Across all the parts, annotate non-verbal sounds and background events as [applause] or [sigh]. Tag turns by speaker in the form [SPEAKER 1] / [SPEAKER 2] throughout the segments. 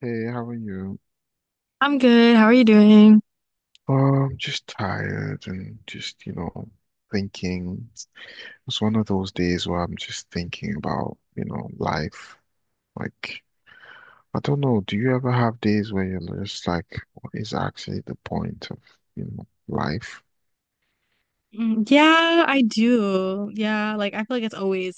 [SPEAKER 1] Hey, how are you?
[SPEAKER 2] I'm good. How are you doing?
[SPEAKER 1] Just tired and just, you know, thinking. It's one of those days where I'm just thinking about, you know, life. Like, I don't know, do you ever have days where you're just like, what is actually the point of, you know, life?
[SPEAKER 2] Mm, yeah, I do. Yeah, like I feel like it's always,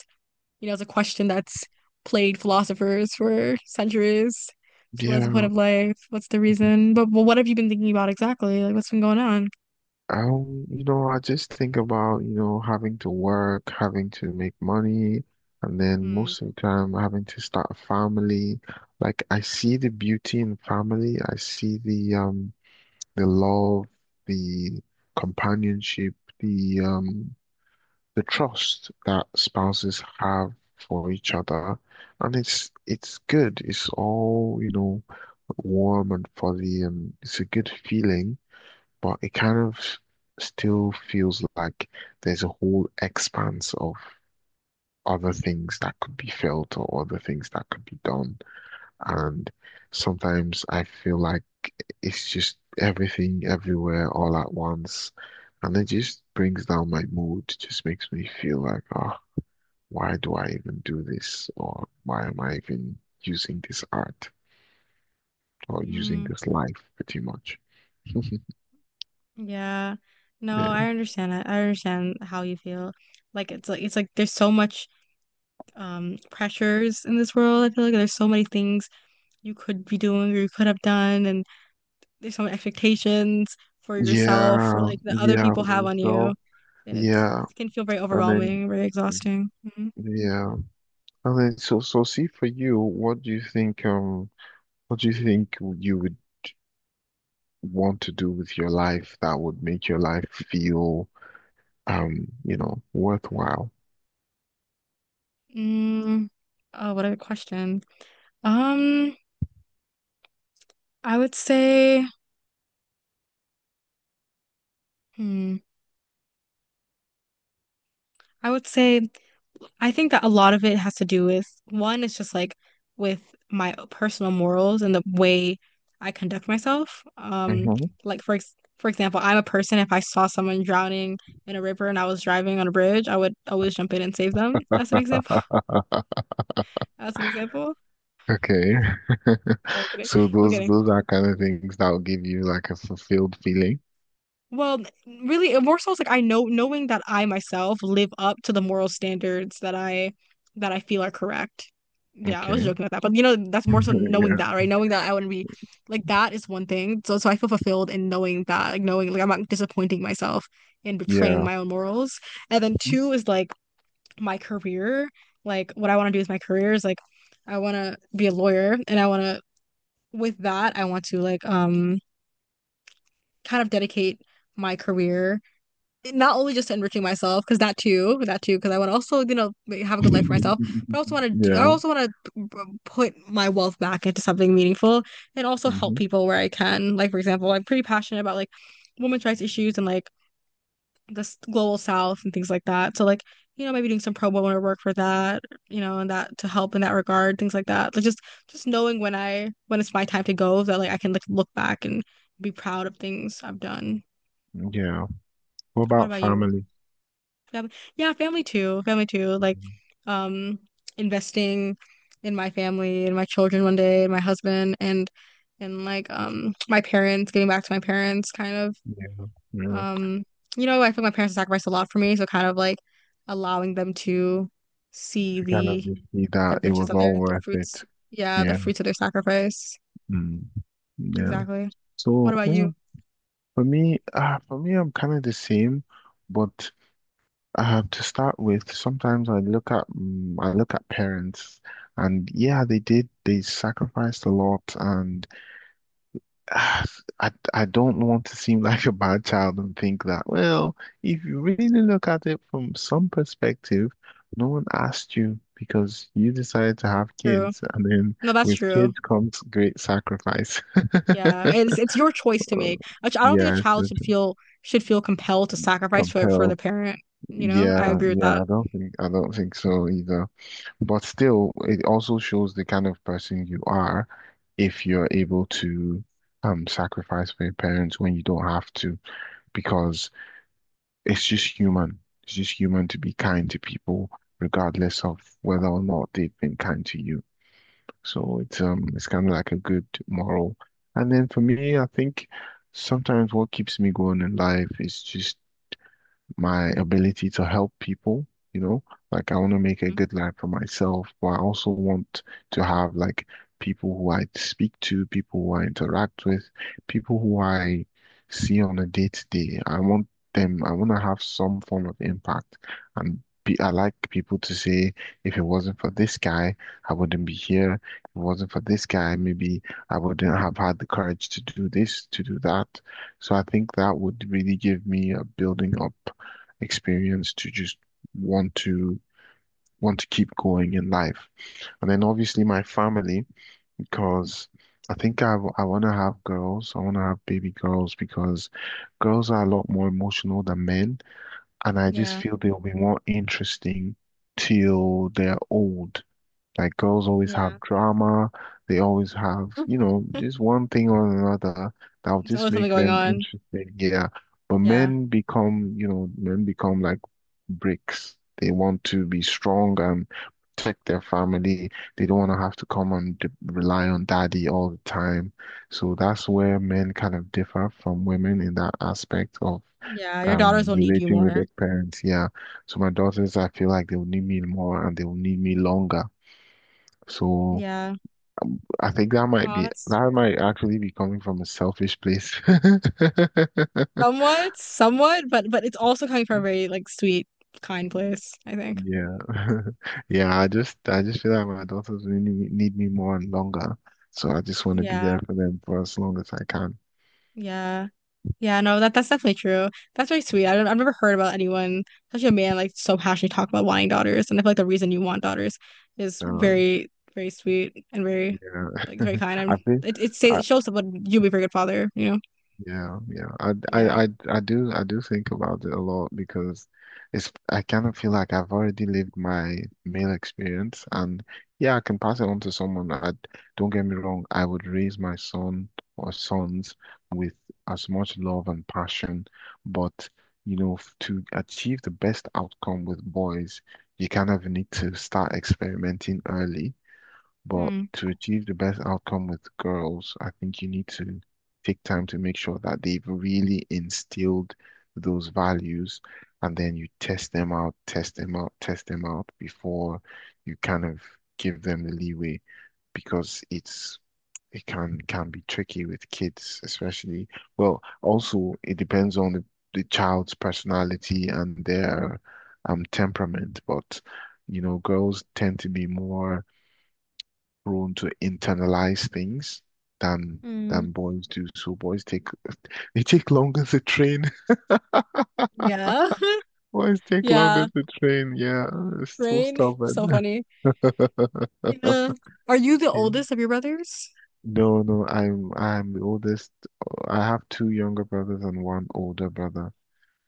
[SPEAKER 2] it's a question that's plagued philosophers for centuries. So what is the point
[SPEAKER 1] Yeah.
[SPEAKER 2] of life? What's the reason? But what have you been thinking about exactly? Like what's been going on?
[SPEAKER 1] You know, I just think about, you know, having to work, having to make money, and then
[SPEAKER 2] Hmm.
[SPEAKER 1] most of the time having to start a family. Like I see the beauty in family. I see the love, the companionship, the trust that spouses have for each other. And it's good. It's all, you know, warm and fuzzy and it's a good feeling, but it kind of still feels like there's a whole expanse of other things that could be felt or other things that could be done. And sometimes I feel like it's just everything, everywhere, all at once. And it just brings down my mood, just makes me feel like, oh, why do I even do this? Or why am I even using this art or using
[SPEAKER 2] Mm,
[SPEAKER 1] this life pretty much? [laughs]
[SPEAKER 2] yeah. No,
[SPEAKER 1] Yeah.
[SPEAKER 2] I understand it. I understand how you feel. Like it's like there's so much pressures in this world. I feel like there's so many things you could be doing or you could have done and there's some expectations for yourself or
[SPEAKER 1] Yeah,
[SPEAKER 2] like that other
[SPEAKER 1] yeah,
[SPEAKER 2] people
[SPEAKER 1] for
[SPEAKER 2] have on you,
[SPEAKER 1] yourself.
[SPEAKER 2] and it's,
[SPEAKER 1] Yeah,
[SPEAKER 2] it can feel very
[SPEAKER 1] and then
[SPEAKER 2] overwhelming, very exhausting. Mhm.
[SPEAKER 1] yeah, and then so see for you, what do you think what do you think you would want to do with your life that would make your life feel you know worthwhile?
[SPEAKER 2] Mm, oh, what a good question. Um, I would say, hmm, I would say I think that a lot of it has to do with one, it's just like with my personal morals and the way I conduct myself.
[SPEAKER 1] Hmm.
[SPEAKER 2] Like for example, I'm a person, if I saw someone drowning in a river and I was driving on a bridge, I would always jump in and save them, as an example. [laughs] As an example.
[SPEAKER 1] Okay, [laughs]
[SPEAKER 2] No, I'm kidding.
[SPEAKER 1] so
[SPEAKER 2] I'm
[SPEAKER 1] those
[SPEAKER 2] kidding.
[SPEAKER 1] those are kind of things that will give you like a fulfilled feeling.
[SPEAKER 2] Well, really, it more so it's like I know knowing that I myself live up to the moral standards that I feel are correct. Yeah, I was
[SPEAKER 1] Okay,
[SPEAKER 2] joking about that, but that's more so
[SPEAKER 1] [laughs]
[SPEAKER 2] knowing
[SPEAKER 1] yeah,
[SPEAKER 2] that, right? Knowing that I wouldn't be like that is one thing. So I feel fulfilled in knowing that, like knowing like I'm not disappointing myself in betraying
[SPEAKER 1] yeah,
[SPEAKER 2] my own morals. And then two is like my career. Like what I want to do is my career is like I want to be a lawyer, and I want to with that I want to like kind of dedicate my career not only just enriching myself because that too because I want to also like, have a good life for myself but
[SPEAKER 1] [laughs]
[SPEAKER 2] I
[SPEAKER 1] yeah,
[SPEAKER 2] also want to put my wealth back into something meaningful and also help
[SPEAKER 1] hmm,
[SPEAKER 2] people where I can like for example I'm pretty passionate about like women's rights issues and like the global south and things like that so like maybe doing some pro bono work for that and that to help in that regard things like that like just knowing when it's my time to go that like I can like look back and be proud of things I've done.
[SPEAKER 1] yeah. What
[SPEAKER 2] What
[SPEAKER 1] about
[SPEAKER 2] about you?
[SPEAKER 1] family?
[SPEAKER 2] Fam Yeah, family too. Family too. Like,
[SPEAKER 1] Mhm.
[SPEAKER 2] um, investing in my family and my children one day, and my husband and like my parents, getting back to my parents kind of.
[SPEAKER 1] Yeah, yeah.
[SPEAKER 2] Um, I feel like my parents sacrificed a lot for me, so kind of like allowing them to see
[SPEAKER 1] To kind of
[SPEAKER 2] the
[SPEAKER 1] see
[SPEAKER 2] the
[SPEAKER 1] that it
[SPEAKER 2] riches
[SPEAKER 1] was
[SPEAKER 2] of their
[SPEAKER 1] all
[SPEAKER 2] the
[SPEAKER 1] worth it.
[SPEAKER 2] fruits. Yeah, the
[SPEAKER 1] Yeah.
[SPEAKER 2] fruits of their sacrifice.
[SPEAKER 1] Mm. Yeah.
[SPEAKER 2] Exactly. What
[SPEAKER 1] So
[SPEAKER 2] about
[SPEAKER 1] yeah,
[SPEAKER 2] you?
[SPEAKER 1] for me, I'm kind of the same, but to start with, sometimes I look at I look at parents, and yeah, they did they sacrificed a lot, and [sighs] I don't want to seem like a bad child and think that, well, if you really look at it from some perspective, no one asked you because you decided to have
[SPEAKER 2] True.
[SPEAKER 1] kids, and then
[SPEAKER 2] No, that's
[SPEAKER 1] with
[SPEAKER 2] true.
[SPEAKER 1] kids comes great sacrifice.
[SPEAKER 2] Yeah,
[SPEAKER 1] [laughs]
[SPEAKER 2] and it's your choice to
[SPEAKER 1] Uh,
[SPEAKER 2] make. I don't think a
[SPEAKER 1] Yeah,
[SPEAKER 2] child
[SPEAKER 1] it's
[SPEAKER 2] should
[SPEAKER 1] just
[SPEAKER 2] feel compelled to sacrifice for the
[SPEAKER 1] compelled.
[SPEAKER 2] parent.
[SPEAKER 1] Yeah,
[SPEAKER 2] I agree with
[SPEAKER 1] yeah,
[SPEAKER 2] that.
[SPEAKER 1] I don't think so either. But still, it also shows the kind of person you are if you're able to sacrifice for your parents when you don't have to, because it's just human. It's just human to be kind to people, regardless of whether or not they've been kind to you. So it's kind of like a good moral. And then for me, I think sometimes what keeps me going in life is just my ability to help people, you know, like I want to make a
[SPEAKER 2] Mm.
[SPEAKER 1] good life for myself, but I also want to have like people who I speak to, people who I interact with, people who I see on a day to day. I want them, I want to have some form of impact. And be, I like people to say, if it wasn't for this guy, I wouldn't be here. If it wasn't for this guy, maybe I wouldn't have had the courage to do this, to do that. So I think that would really give me a building up experience to just want to want to keep going in life. And then obviously my family, because I think I want to have girls. I want to have baby girls because girls are a lot more emotional than men, and I just
[SPEAKER 2] Yeah,
[SPEAKER 1] feel they'll be more interesting till they're old. Like girls always
[SPEAKER 2] yeah.
[SPEAKER 1] have drama, they always have, you know, just
[SPEAKER 2] [laughs]
[SPEAKER 1] one thing or another that'll
[SPEAKER 2] It's
[SPEAKER 1] just
[SPEAKER 2] always something
[SPEAKER 1] make
[SPEAKER 2] going
[SPEAKER 1] them
[SPEAKER 2] on.
[SPEAKER 1] interesting. Yeah. But
[SPEAKER 2] Yeah,
[SPEAKER 1] men become, you know, men become like bricks. They want to be strong and protect their family. They don't want to have to come and de rely on daddy all the time. So that's where men kind of differ from women in that aspect of
[SPEAKER 2] yeah. Your daughters will need you
[SPEAKER 1] relating with
[SPEAKER 2] more.
[SPEAKER 1] their parents. Yeah. So my daughters, I feel like they will need me more and they will need me longer. So
[SPEAKER 2] Yeah.
[SPEAKER 1] I think that might
[SPEAKER 2] Oh,
[SPEAKER 1] be,
[SPEAKER 2] that's
[SPEAKER 1] that
[SPEAKER 2] true.
[SPEAKER 1] might actually be coming from a selfish place. [laughs]
[SPEAKER 2] Somewhat, somewhat, but it's also coming from a very like sweet, kind place, I think.
[SPEAKER 1] Yeah. [laughs] Yeah, I just feel like my daughters really need me more and longer. So I just want to be there
[SPEAKER 2] Yeah,
[SPEAKER 1] for them for as long as I can.
[SPEAKER 2] yeah. Yeah, no, that's definitely true. That's very sweet. I've never heard about anyone, especially a man, like so passionately talk about wanting daughters. And I feel like the reason you want daughters is
[SPEAKER 1] Uh,
[SPEAKER 2] very, very sweet and very,
[SPEAKER 1] yeah.
[SPEAKER 2] like, very
[SPEAKER 1] [laughs]
[SPEAKER 2] kind. And
[SPEAKER 1] I feel.
[SPEAKER 2] it shows that what you'll be a very good father, you know?
[SPEAKER 1] Yeah, yeah.
[SPEAKER 2] Yeah.
[SPEAKER 1] I do think about it a lot because it's, I kind of feel like I've already lived my male experience and yeah, I can pass it on to someone. I don't get me wrong, I would raise my son or sons with as much love and passion, but you know, to achieve the best outcome with boys, you kind of need to start experimenting early, but
[SPEAKER 2] Hmm.
[SPEAKER 1] to achieve the best outcome with girls, I think you need to take time to make sure that they've really instilled those values, and then you test them out, test them out, test them out before you kind of give them the leeway because it's, it can be tricky with kids, especially. Well, also it depends on the child's personality and their temperament, but you know, girls tend to be more prone to internalize things than
[SPEAKER 2] Hmm.
[SPEAKER 1] boys do. So boys take, they take longer to train. [laughs]
[SPEAKER 2] Yeah. [laughs]
[SPEAKER 1] Boys take
[SPEAKER 2] Yeah.
[SPEAKER 1] longer to train. Yeah, it's so
[SPEAKER 2] Rain. So
[SPEAKER 1] stubborn.
[SPEAKER 2] funny.
[SPEAKER 1] [laughs]
[SPEAKER 2] Yeah. Are you the
[SPEAKER 1] Yeah.
[SPEAKER 2] oldest of your brothers?
[SPEAKER 1] No, no, I'm the oldest. I have two younger brothers and one older brother.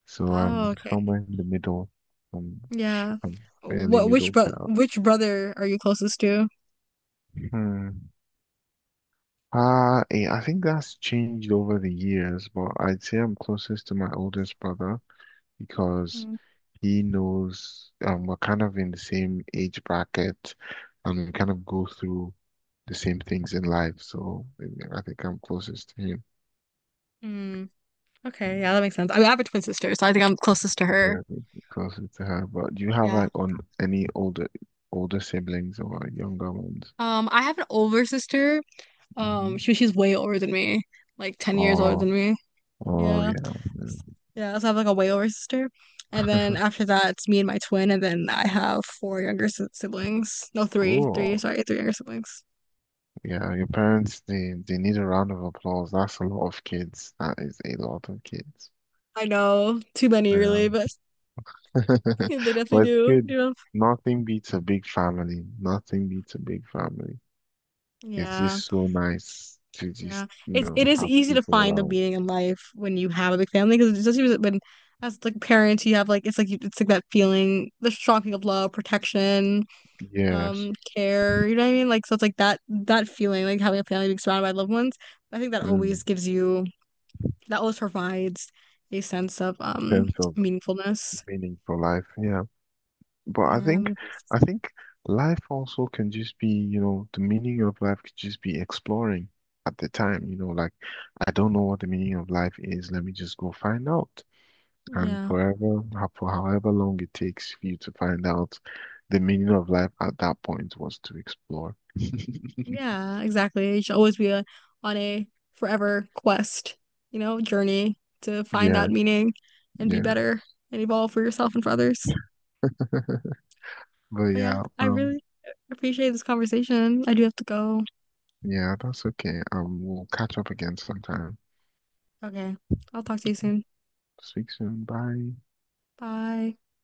[SPEAKER 1] So
[SPEAKER 2] Oh,
[SPEAKER 1] I'm
[SPEAKER 2] okay.
[SPEAKER 1] somewhere in the middle. I'm,
[SPEAKER 2] Yeah.
[SPEAKER 1] I'm Fairly
[SPEAKER 2] What which
[SPEAKER 1] middle
[SPEAKER 2] bro
[SPEAKER 1] child.
[SPEAKER 2] which brother are you closest to?
[SPEAKER 1] Hmm. I think that's changed over the years, but I'd say I'm closest to my oldest brother because
[SPEAKER 2] Hmm.
[SPEAKER 1] he knows we're kind of in the same age bracket and we kind of go through the same things in life. So I think I'm closest to him.
[SPEAKER 2] Hmm.
[SPEAKER 1] Mm.
[SPEAKER 2] Okay, yeah, that makes sense. I mean, I have a twin sister, so I think I'm closest to her.
[SPEAKER 1] Yeah, closer to her. But do you have
[SPEAKER 2] Yeah.
[SPEAKER 1] like on any older siblings or younger ones?
[SPEAKER 2] I have an older sister. Um,
[SPEAKER 1] Hmm.
[SPEAKER 2] she she's way older than me, like 10 years older
[SPEAKER 1] Oh,
[SPEAKER 2] than me.
[SPEAKER 1] oh
[SPEAKER 2] Yeah.
[SPEAKER 1] yeah.
[SPEAKER 2] Yeah, so I have like a way older sister. And then
[SPEAKER 1] [laughs]
[SPEAKER 2] after that, it's me and my twin, and then I have four younger siblings. No, three, three,
[SPEAKER 1] Oh,
[SPEAKER 2] sorry, three younger siblings.
[SPEAKER 1] yeah. Your parents, they need a round of applause. That's a lot of kids. That is a lot of kids.
[SPEAKER 2] I know, too many
[SPEAKER 1] Yeah.
[SPEAKER 2] really, but [laughs]
[SPEAKER 1] [laughs]
[SPEAKER 2] they
[SPEAKER 1] But
[SPEAKER 2] definitely
[SPEAKER 1] it's
[SPEAKER 2] do,
[SPEAKER 1] good.
[SPEAKER 2] you know.
[SPEAKER 1] Nothing beats a big family. Nothing beats a big family. It's
[SPEAKER 2] Yeah.
[SPEAKER 1] just so nice to
[SPEAKER 2] Yeah,
[SPEAKER 1] just, you
[SPEAKER 2] it's it
[SPEAKER 1] know,
[SPEAKER 2] is
[SPEAKER 1] have
[SPEAKER 2] easy to
[SPEAKER 1] people
[SPEAKER 2] find the
[SPEAKER 1] around.
[SPEAKER 2] meaning in life when you have a big family because especially when as like parents you have like it's like that feeling the strong feeling of love protection
[SPEAKER 1] Yes.
[SPEAKER 2] care you know what I mean like so it's like that feeling like having a family being surrounded by loved ones I think that
[SPEAKER 1] Mm.
[SPEAKER 2] always gives you that always provides a sense of
[SPEAKER 1] Sense of
[SPEAKER 2] meaningfulness
[SPEAKER 1] meaning for life. Yeah. But I
[SPEAKER 2] yeah
[SPEAKER 1] think,
[SPEAKER 2] meaningfulness.
[SPEAKER 1] I think life also can just be, you know, the meaning of life could just be exploring at the time, you know, like, I don't know what the meaning of life is. Let me just go find out. And
[SPEAKER 2] Yeah,
[SPEAKER 1] forever, for however long it takes for you to find out, the meaning of life at that point was to explore. [laughs]
[SPEAKER 2] Yeah, exactly. It should always be on a forever quest, journey to find
[SPEAKER 1] Yeah,
[SPEAKER 2] that meaning and be
[SPEAKER 1] yeah.
[SPEAKER 2] better and evolve for yourself and for others.
[SPEAKER 1] But
[SPEAKER 2] But yeah,
[SPEAKER 1] yeah,
[SPEAKER 2] I really appreciate this conversation. I do have to go.
[SPEAKER 1] yeah, that's okay. We'll catch up again sometime.
[SPEAKER 2] Okay. I'll talk to you soon.
[SPEAKER 1] Speak soon. Bye.
[SPEAKER 2] Bye.